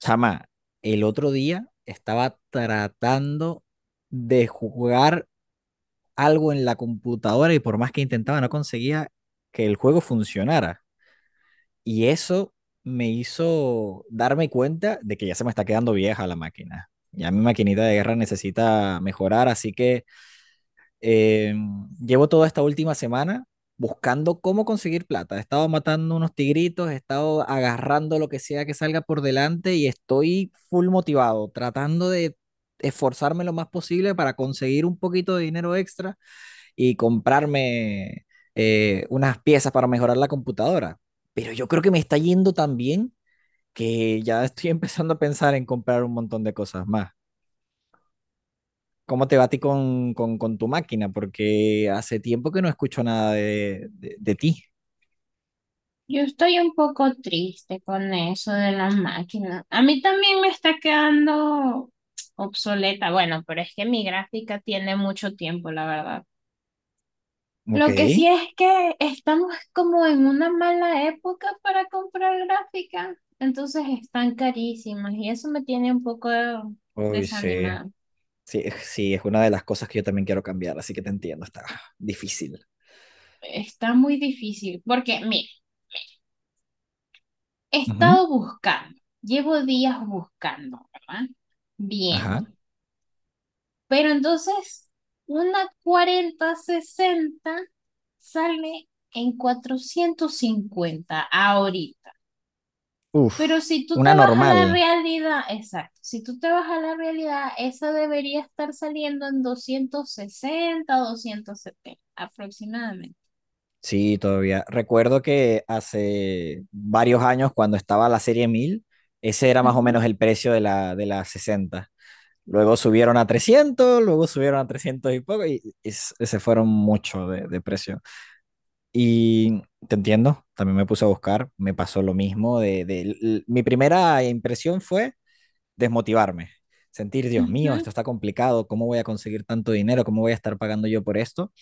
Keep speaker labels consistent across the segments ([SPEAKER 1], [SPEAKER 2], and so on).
[SPEAKER 1] Chama, el otro día estaba tratando de jugar algo en la computadora y por más que intentaba no conseguía que el juego funcionara. Y eso me hizo darme cuenta de que ya se me está quedando vieja la máquina. Ya mi maquinita de guerra necesita mejorar, así que eh, llevo toda esta última semana buscando cómo conseguir plata. He estado matando unos tigritos, he estado agarrando lo que sea que salga por delante y estoy full motivado, tratando de esforzarme lo más posible para conseguir un poquito de dinero extra y comprarme unas piezas para mejorar la computadora. Pero yo creo que me está yendo tan bien que ya estoy empezando a pensar en comprar un montón de cosas más. ¿Cómo te va a ti con, con tu máquina? Porque hace tiempo que no escucho nada de, de ti.
[SPEAKER 2] Yo estoy un poco triste con eso de las máquinas. A mí también me está quedando obsoleta. Bueno, pero es que mi gráfica tiene mucho tiempo, la verdad.
[SPEAKER 1] Ok.
[SPEAKER 2] Lo que sí es que estamos como en una mala época para comprar gráfica. Entonces están carísimas y eso me tiene un poco
[SPEAKER 1] Uy, sí.
[SPEAKER 2] desanimada.
[SPEAKER 1] Sí, es una de las cosas que yo también quiero cambiar, así que te entiendo, está difícil.
[SPEAKER 2] Está muy difícil porque, mire, he
[SPEAKER 1] Ujú.
[SPEAKER 2] estado buscando, llevo días buscando, ¿verdad? Bien.
[SPEAKER 1] Ajá.
[SPEAKER 2] Pero entonces, una 40 sesenta sale en 450 ahorita.
[SPEAKER 1] Uf,
[SPEAKER 2] Pero si tú
[SPEAKER 1] una
[SPEAKER 2] te vas a
[SPEAKER 1] normal.
[SPEAKER 2] la realidad, exacto, si tú te vas a la realidad, esa debería estar saliendo en 260 270 aproximadamente.
[SPEAKER 1] Sí, todavía. Recuerdo que hace varios años, cuando estaba la serie 1000 ese era más o
[SPEAKER 2] Ujú,
[SPEAKER 1] menos el precio de la sesenta. Luego subieron a trescientos, luego subieron a 300 y poco, y se fueron mucho de precio. Y te entiendo, también me puse a buscar, me pasó lo mismo, mi primera impresión fue desmotivarme, sentir, Dios
[SPEAKER 2] ujú.
[SPEAKER 1] mío, esto está complicado, ¿cómo voy a conseguir tanto dinero? ¿Cómo voy a estar pagando yo por esto?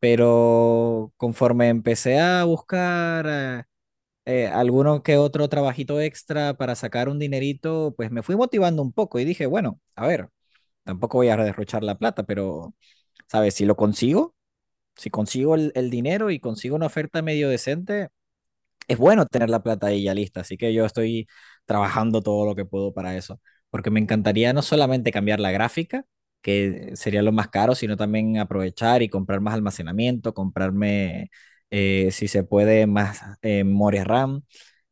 [SPEAKER 1] Pero conforme empecé a buscar alguno que otro trabajito extra para sacar un dinerito, pues me fui motivando un poco y dije, bueno, a ver, tampoco voy a derrochar la plata, pero, ¿sabes? Si lo consigo, si consigo el dinero y consigo una oferta medio decente, es bueno tener la plata ahí ya lista, así que yo estoy trabajando todo lo que puedo para eso, porque me encantaría no solamente cambiar la gráfica, que sería lo más caro, sino también aprovechar y comprar más almacenamiento, comprarme, si se puede, más memoria RAM.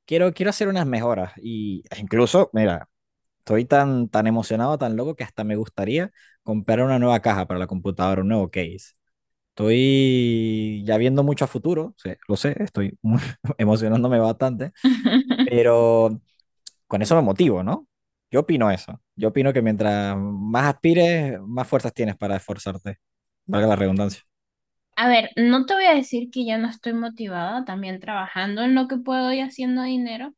[SPEAKER 1] Quiero, quiero hacer unas mejoras y e incluso, mira, estoy tan, tan emocionado, tan loco que hasta me gustaría comprar una nueva caja para la computadora, un nuevo case. Estoy ya viendo mucho a futuro, sí, lo sé, emocionándome bastante, pero con eso me motivo, ¿no? Yo opino eso. Yo opino que mientras más aspires, más fuerzas tienes para esforzarte. Valga la redundancia.
[SPEAKER 2] A ver, no te voy a decir que ya no estoy motivada, también trabajando en lo que puedo y haciendo dinero,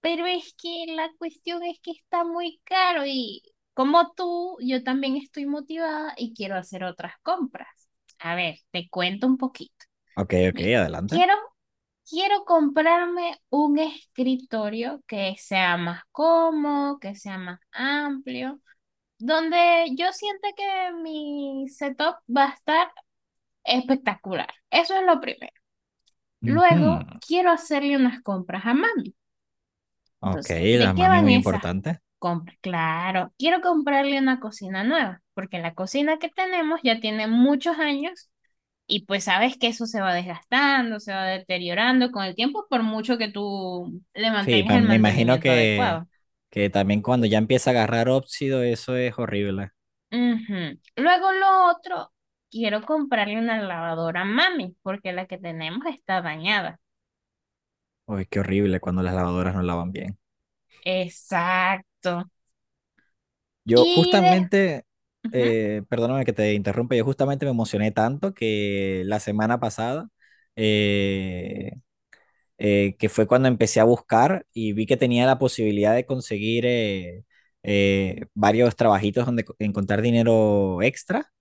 [SPEAKER 2] pero es que la cuestión es que está muy caro y, como tú, yo también estoy motivada y quiero hacer otras compras. A ver, te cuento un poquito.
[SPEAKER 1] Ok, ok,
[SPEAKER 2] Mira,
[SPEAKER 1] adelante.
[SPEAKER 2] quiero, quiero comprarme un escritorio que sea más cómodo, que sea más amplio, donde yo sienta que mi setup va a estar espectacular. Eso es lo primero. Luego,
[SPEAKER 1] Ujú.
[SPEAKER 2] quiero hacerle unas compras a mami.
[SPEAKER 1] Ok,
[SPEAKER 2] Entonces,
[SPEAKER 1] la
[SPEAKER 2] ¿de qué
[SPEAKER 1] mami
[SPEAKER 2] van
[SPEAKER 1] muy
[SPEAKER 2] esas
[SPEAKER 1] importante.
[SPEAKER 2] compras? Claro, quiero comprarle una cocina nueva, porque la cocina que tenemos ya tiene muchos años y pues sabes que eso se va desgastando, se va deteriorando con el tiempo, por mucho que tú le
[SPEAKER 1] Sí,
[SPEAKER 2] mantengas
[SPEAKER 1] pa-
[SPEAKER 2] el
[SPEAKER 1] me imagino
[SPEAKER 2] mantenimiento adecuado.
[SPEAKER 1] que también cuando ya empieza a agarrar óxido, eso es horrible.
[SPEAKER 2] Ujú. Luego lo otro, quiero comprarle una lavadora a mami, porque la que tenemos está dañada.
[SPEAKER 1] Uy, qué horrible cuando las lavadoras no lavan bien.
[SPEAKER 2] Exacto.
[SPEAKER 1] Yo
[SPEAKER 2] Y de...
[SPEAKER 1] justamente,
[SPEAKER 2] Ujú.
[SPEAKER 1] perdóname que te interrumpa, yo justamente me emocioné tanto que la semana pasada eh, que fue cuando empecé a buscar y vi que tenía la posibilidad de conseguir varios trabajitos donde encontrar dinero extra.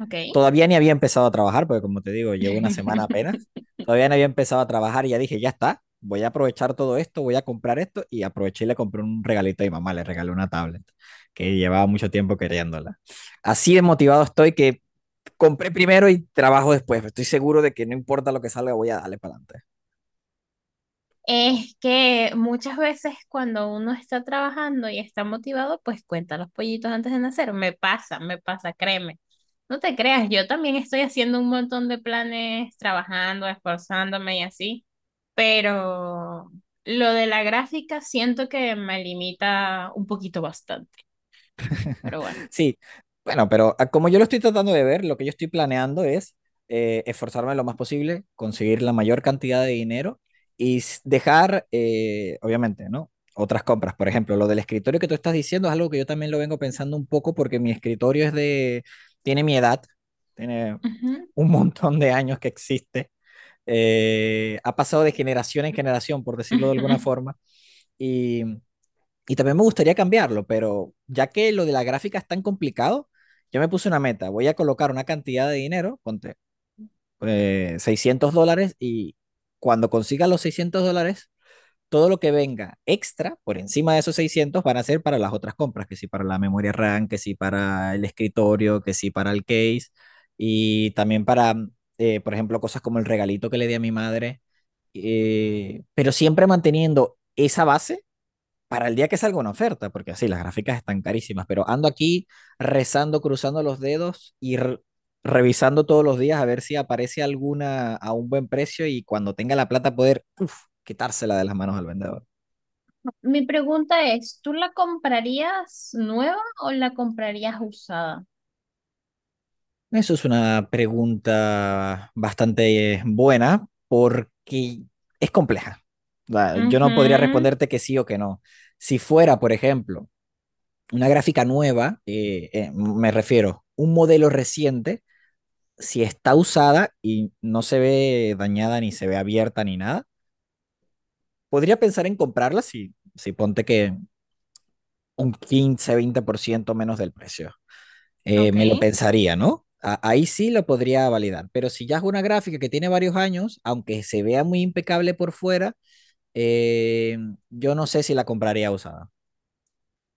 [SPEAKER 2] Ok.
[SPEAKER 1] Todavía ni había empezado a trabajar, porque como te digo, llevo una semana apenas. Todavía no había empezado a trabajar y ya dije, ya está, voy a aprovechar todo esto, voy a comprar esto y aproveché y le compré un regalito a mi mamá, le regalé una tablet que llevaba mucho tiempo queriéndola. Así de motivado estoy que compré primero y trabajo después. Estoy seguro de que no importa lo que salga, voy a darle para adelante.
[SPEAKER 2] Es que muchas veces, cuando uno está trabajando y está motivado, pues cuenta los pollitos antes de nacer. Me pasa, créeme. No te creas, yo también estoy haciendo un montón de planes, trabajando, esforzándome y así, pero lo de la gráfica siento que me limita un poquito bastante, pero bueno.
[SPEAKER 1] Sí, bueno, pero como yo lo estoy tratando de ver, lo que yo estoy planeando es esforzarme lo más posible, conseguir la mayor cantidad de dinero y dejar, obviamente, ¿no? Otras compras. Por ejemplo, lo del escritorio que tú estás diciendo es algo que yo también lo vengo pensando un poco porque mi escritorio es de, tiene mi edad, tiene
[SPEAKER 2] Ujú.
[SPEAKER 1] un montón de años que existe. Ha pasado de generación en generación, por decirlo de alguna forma, y y también me gustaría cambiarlo, pero ya que lo de la gráfica es tan complicado, yo me puse una meta. Voy a colocar una cantidad de dinero, ponte $600, y cuando consiga los $600, todo lo que venga extra por encima de esos 600 van a ser para las otras compras, que sí para la memoria RAM, que sí para el escritorio, que sí para el case, y también para, por ejemplo, cosas como el regalito que le di a mi madre, pero siempre manteniendo esa base para el día que salga una oferta, porque así las gráficas están carísimas, pero ando aquí rezando, cruzando los dedos y revisando todos los días a ver si aparece alguna a un buen precio y cuando tenga la plata poder uf, quitársela de las manos al vendedor.
[SPEAKER 2] Mi pregunta es, ¿tú la comprarías nueva o la comprarías usada?
[SPEAKER 1] Eso es una pregunta bastante buena porque es compleja. Va, yo no
[SPEAKER 2] Ujú.
[SPEAKER 1] podría responderte que sí o que no. Si fuera, por ejemplo, una gráfica nueva, me refiero, un modelo reciente, si está usada y no se ve dañada ni se ve abierta ni nada, podría pensar en comprarla si, si ponte que un 15 20% menos del precio.
[SPEAKER 2] Ok.
[SPEAKER 1] Me lo pensaría, ¿no? Ahí sí lo podría validar, pero si ya es una gráfica que tiene varios años, aunque se vea muy impecable por fuera, eh, yo no sé si la compraría usada.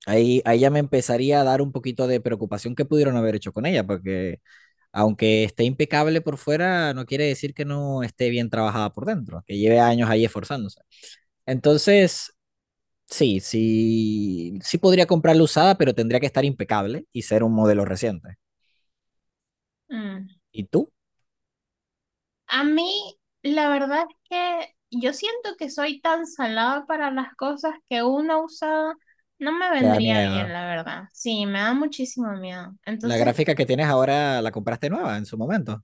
[SPEAKER 1] Ahí, ahí ya me empezaría a dar un poquito de preocupación que pudieron haber hecho con ella, porque aunque esté impecable por fuera, no quiere decir que no esté bien trabajada por dentro, que lleve años ahí esforzándose. Entonces, sí, sí, sí podría comprarla usada, pero tendría que estar impecable y ser un modelo reciente.
[SPEAKER 2] Mm.
[SPEAKER 1] ¿Y tú?
[SPEAKER 2] A mí, la verdad es que yo siento que soy tan salada para las cosas que una usada no me
[SPEAKER 1] Te da
[SPEAKER 2] vendría bien,
[SPEAKER 1] miedo.
[SPEAKER 2] la verdad. Sí, me da muchísimo miedo.
[SPEAKER 1] La
[SPEAKER 2] Entonces,
[SPEAKER 1] gráfica que tienes ahora la compraste nueva en su momento.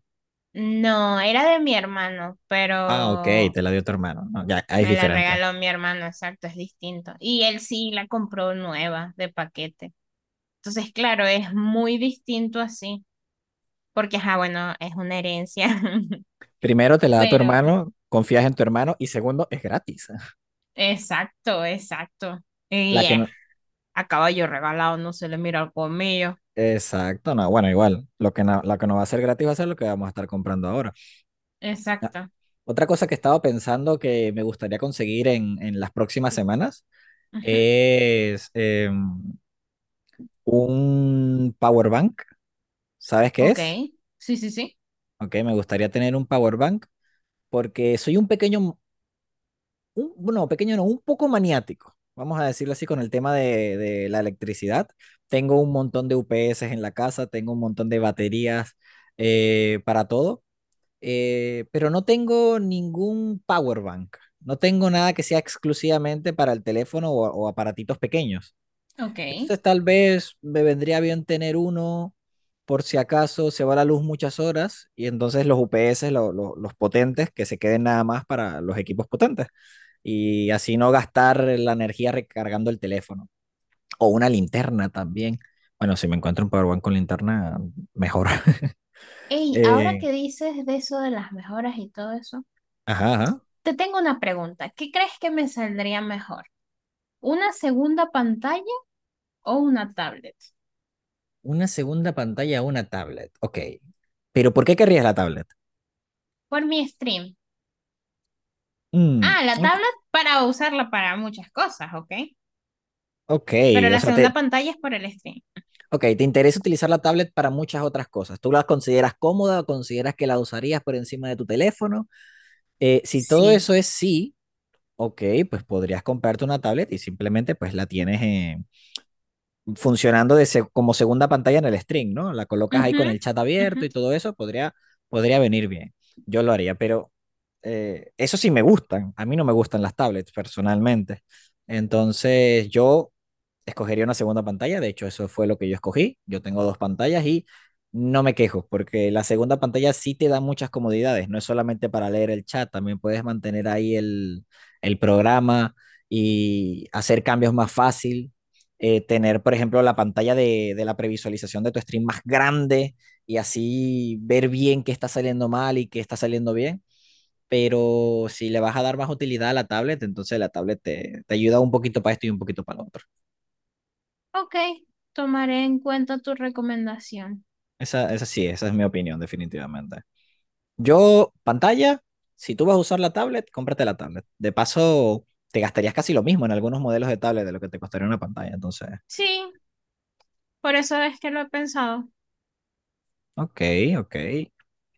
[SPEAKER 2] no, era de mi hermano,
[SPEAKER 1] Ah, ok,
[SPEAKER 2] pero
[SPEAKER 1] te la dio tu hermano. No, ya, ahí es
[SPEAKER 2] me la
[SPEAKER 1] diferente.
[SPEAKER 2] regaló mi hermano, exacto, es distinto. Y él sí la compró nueva, de paquete. Entonces, claro, es muy distinto así, porque, ah, bueno, es una herencia,
[SPEAKER 1] Primero, te la da tu
[SPEAKER 2] pero,
[SPEAKER 1] hermano, confías en tu hermano y segundo, es gratis.
[SPEAKER 2] exacto, exacto.
[SPEAKER 1] La
[SPEAKER 2] Y
[SPEAKER 1] que
[SPEAKER 2] es:
[SPEAKER 1] no...
[SPEAKER 2] a caballo regalado no se le mira el colmillo.
[SPEAKER 1] Exacto, no, bueno, igual, lo que no, la que no va a ser gratis va a ser lo que vamos a estar comprando ahora. Ah,
[SPEAKER 2] Exacto.
[SPEAKER 1] otra cosa que estaba pensando que me gustaría conseguir en las próximas semanas
[SPEAKER 2] Ujú.
[SPEAKER 1] es un power bank. ¿Sabes qué
[SPEAKER 2] Ok.
[SPEAKER 1] es?
[SPEAKER 2] Sí, sí, sí.
[SPEAKER 1] Ok, me gustaría tener un power bank porque soy un pequeño, un, bueno, pequeño no, un poco maniático. Vamos a decirlo así con el tema de la electricidad. Tengo un montón de UPS en la casa, tengo un montón de baterías para todo. Pero no tengo ningún power bank. No tengo nada que sea exclusivamente para el teléfono o aparatitos pequeños.
[SPEAKER 2] Ok.
[SPEAKER 1] Entonces tal vez me vendría bien tener uno por si acaso se va la luz muchas horas y entonces los UPS, los potentes, que se queden nada más para los equipos potentes y así no gastar la energía recargando el teléfono o una linterna también. Bueno, si me encuentro un Powerbank con linterna, mejor.
[SPEAKER 2] Ey, ahora
[SPEAKER 1] Eh,
[SPEAKER 2] que dices de eso de las mejoras y todo eso,
[SPEAKER 1] ajá, ajá.
[SPEAKER 2] te tengo una pregunta. ¿Qué crees que me saldría mejor? ¿Una segunda pantalla o una tablet?
[SPEAKER 1] Una segunda pantalla a una tablet. Ok. Pero ¿por qué querrías la tablet?
[SPEAKER 2] Por mi stream.
[SPEAKER 1] Mm,
[SPEAKER 2] Ah, la
[SPEAKER 1] ok.
[SPEAKER 2] tablet para usarla para muchas cosas, ok.
[SPEAKER 1] Ok,
[SPEAKER 2] Pero
[SPEAKER 1] o
[SPEAKER 2] la
[SPEAKER 1] sea, te,
[SPEAKER 2] segunda pantalla es por el stream.
[SPEAKER 1] ok, te interesa utilizar la tablet para muchas otras cosas. ¿Tú la consideras cómoda o consideras que la usarías por encima de tu teléfono? Si todo eso
[SPEAKER 2] Sí.
[SPEAKER 1] es sí, ok, pues podrías comprarte una tablet y simplemente pues la tienes funcionando de como segunda pantalla en el stream, ¿no? La colocas ahí
[SPEAKER 2] Ujú,
[SPEAKER 1] con el chat
[SPEAKER 2] ujú.
[SPEAKER 1] abierto y todo eso, podría venir bien. Yo lo haría, pero eso sí me gustan. A mí no me gustan las tablets personalmente. Entonces yo escogería una segunda pantalla. De hecho, eso fue lo que yo escogí. Yo tengo dos pantallas y no me quejo, porque la segunda pantalla sí te da muchas comodidades. No es solamente para leer el chat, también puedes mantener ahí el programa y hacer cambios más fácil tener, por ejemplo, la pantalla de la previsualización de tu stream más grande y así ver bien qué está saliendo mal y qué está saliendo bien. Pero si le vas a dar más utilidad a la tablet, entonces la tablet te, te ayuda un poquito para esto y un poquito para lo otro.
[SPEAKER 2] Ok, tomaré en cuenta tu recomendación.
[SPEAKER 1] Esa sí, esa es mi opinión, definitivamente. Yo, pantalla, si tú vas a usar la tablet, cómprate la tablet. De paso, te gastarías casi lo mismo en algunos modelos de tablet de lo que te costaría una pantalla. Entonces,
[SPEAKER 2] Sí, por eso es que lo he pensado.
[SPEAKER 1] ok, ok.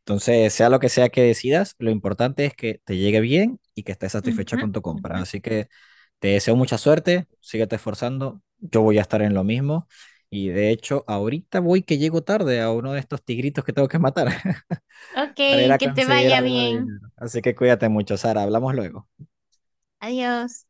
[SPEAKER 1] Entonces, sea lo que sea que decidas, lo importante es que te llegue bien y que estés satisfecha
[SPEAKER 2] Ujú,
[SPEAKER 1] con tu compra.
[SPEAKER 2] ujú.
[SPEAKER 1] Así que te deseo mucha suerte, síguete esforzando, yo voy a estar en lo mismo. Y de hecho, ahorita voy que llego tarde a uno de estos tigritos que tengo que matar
[SPEAKER 2] Ok,
[SPEAKER 1] para ir a
[SPEAKER 2] que te
[SPEAKER 1] conseguir
[SPEAKER 2] vaya
[SPEAKER 1] algo de
[SPEAKER 2] bien.
[SPEAKER 1] dinero. Así que cuídate mucho, Sara, hablamos luego.
[SPEAKER 2] Adiós.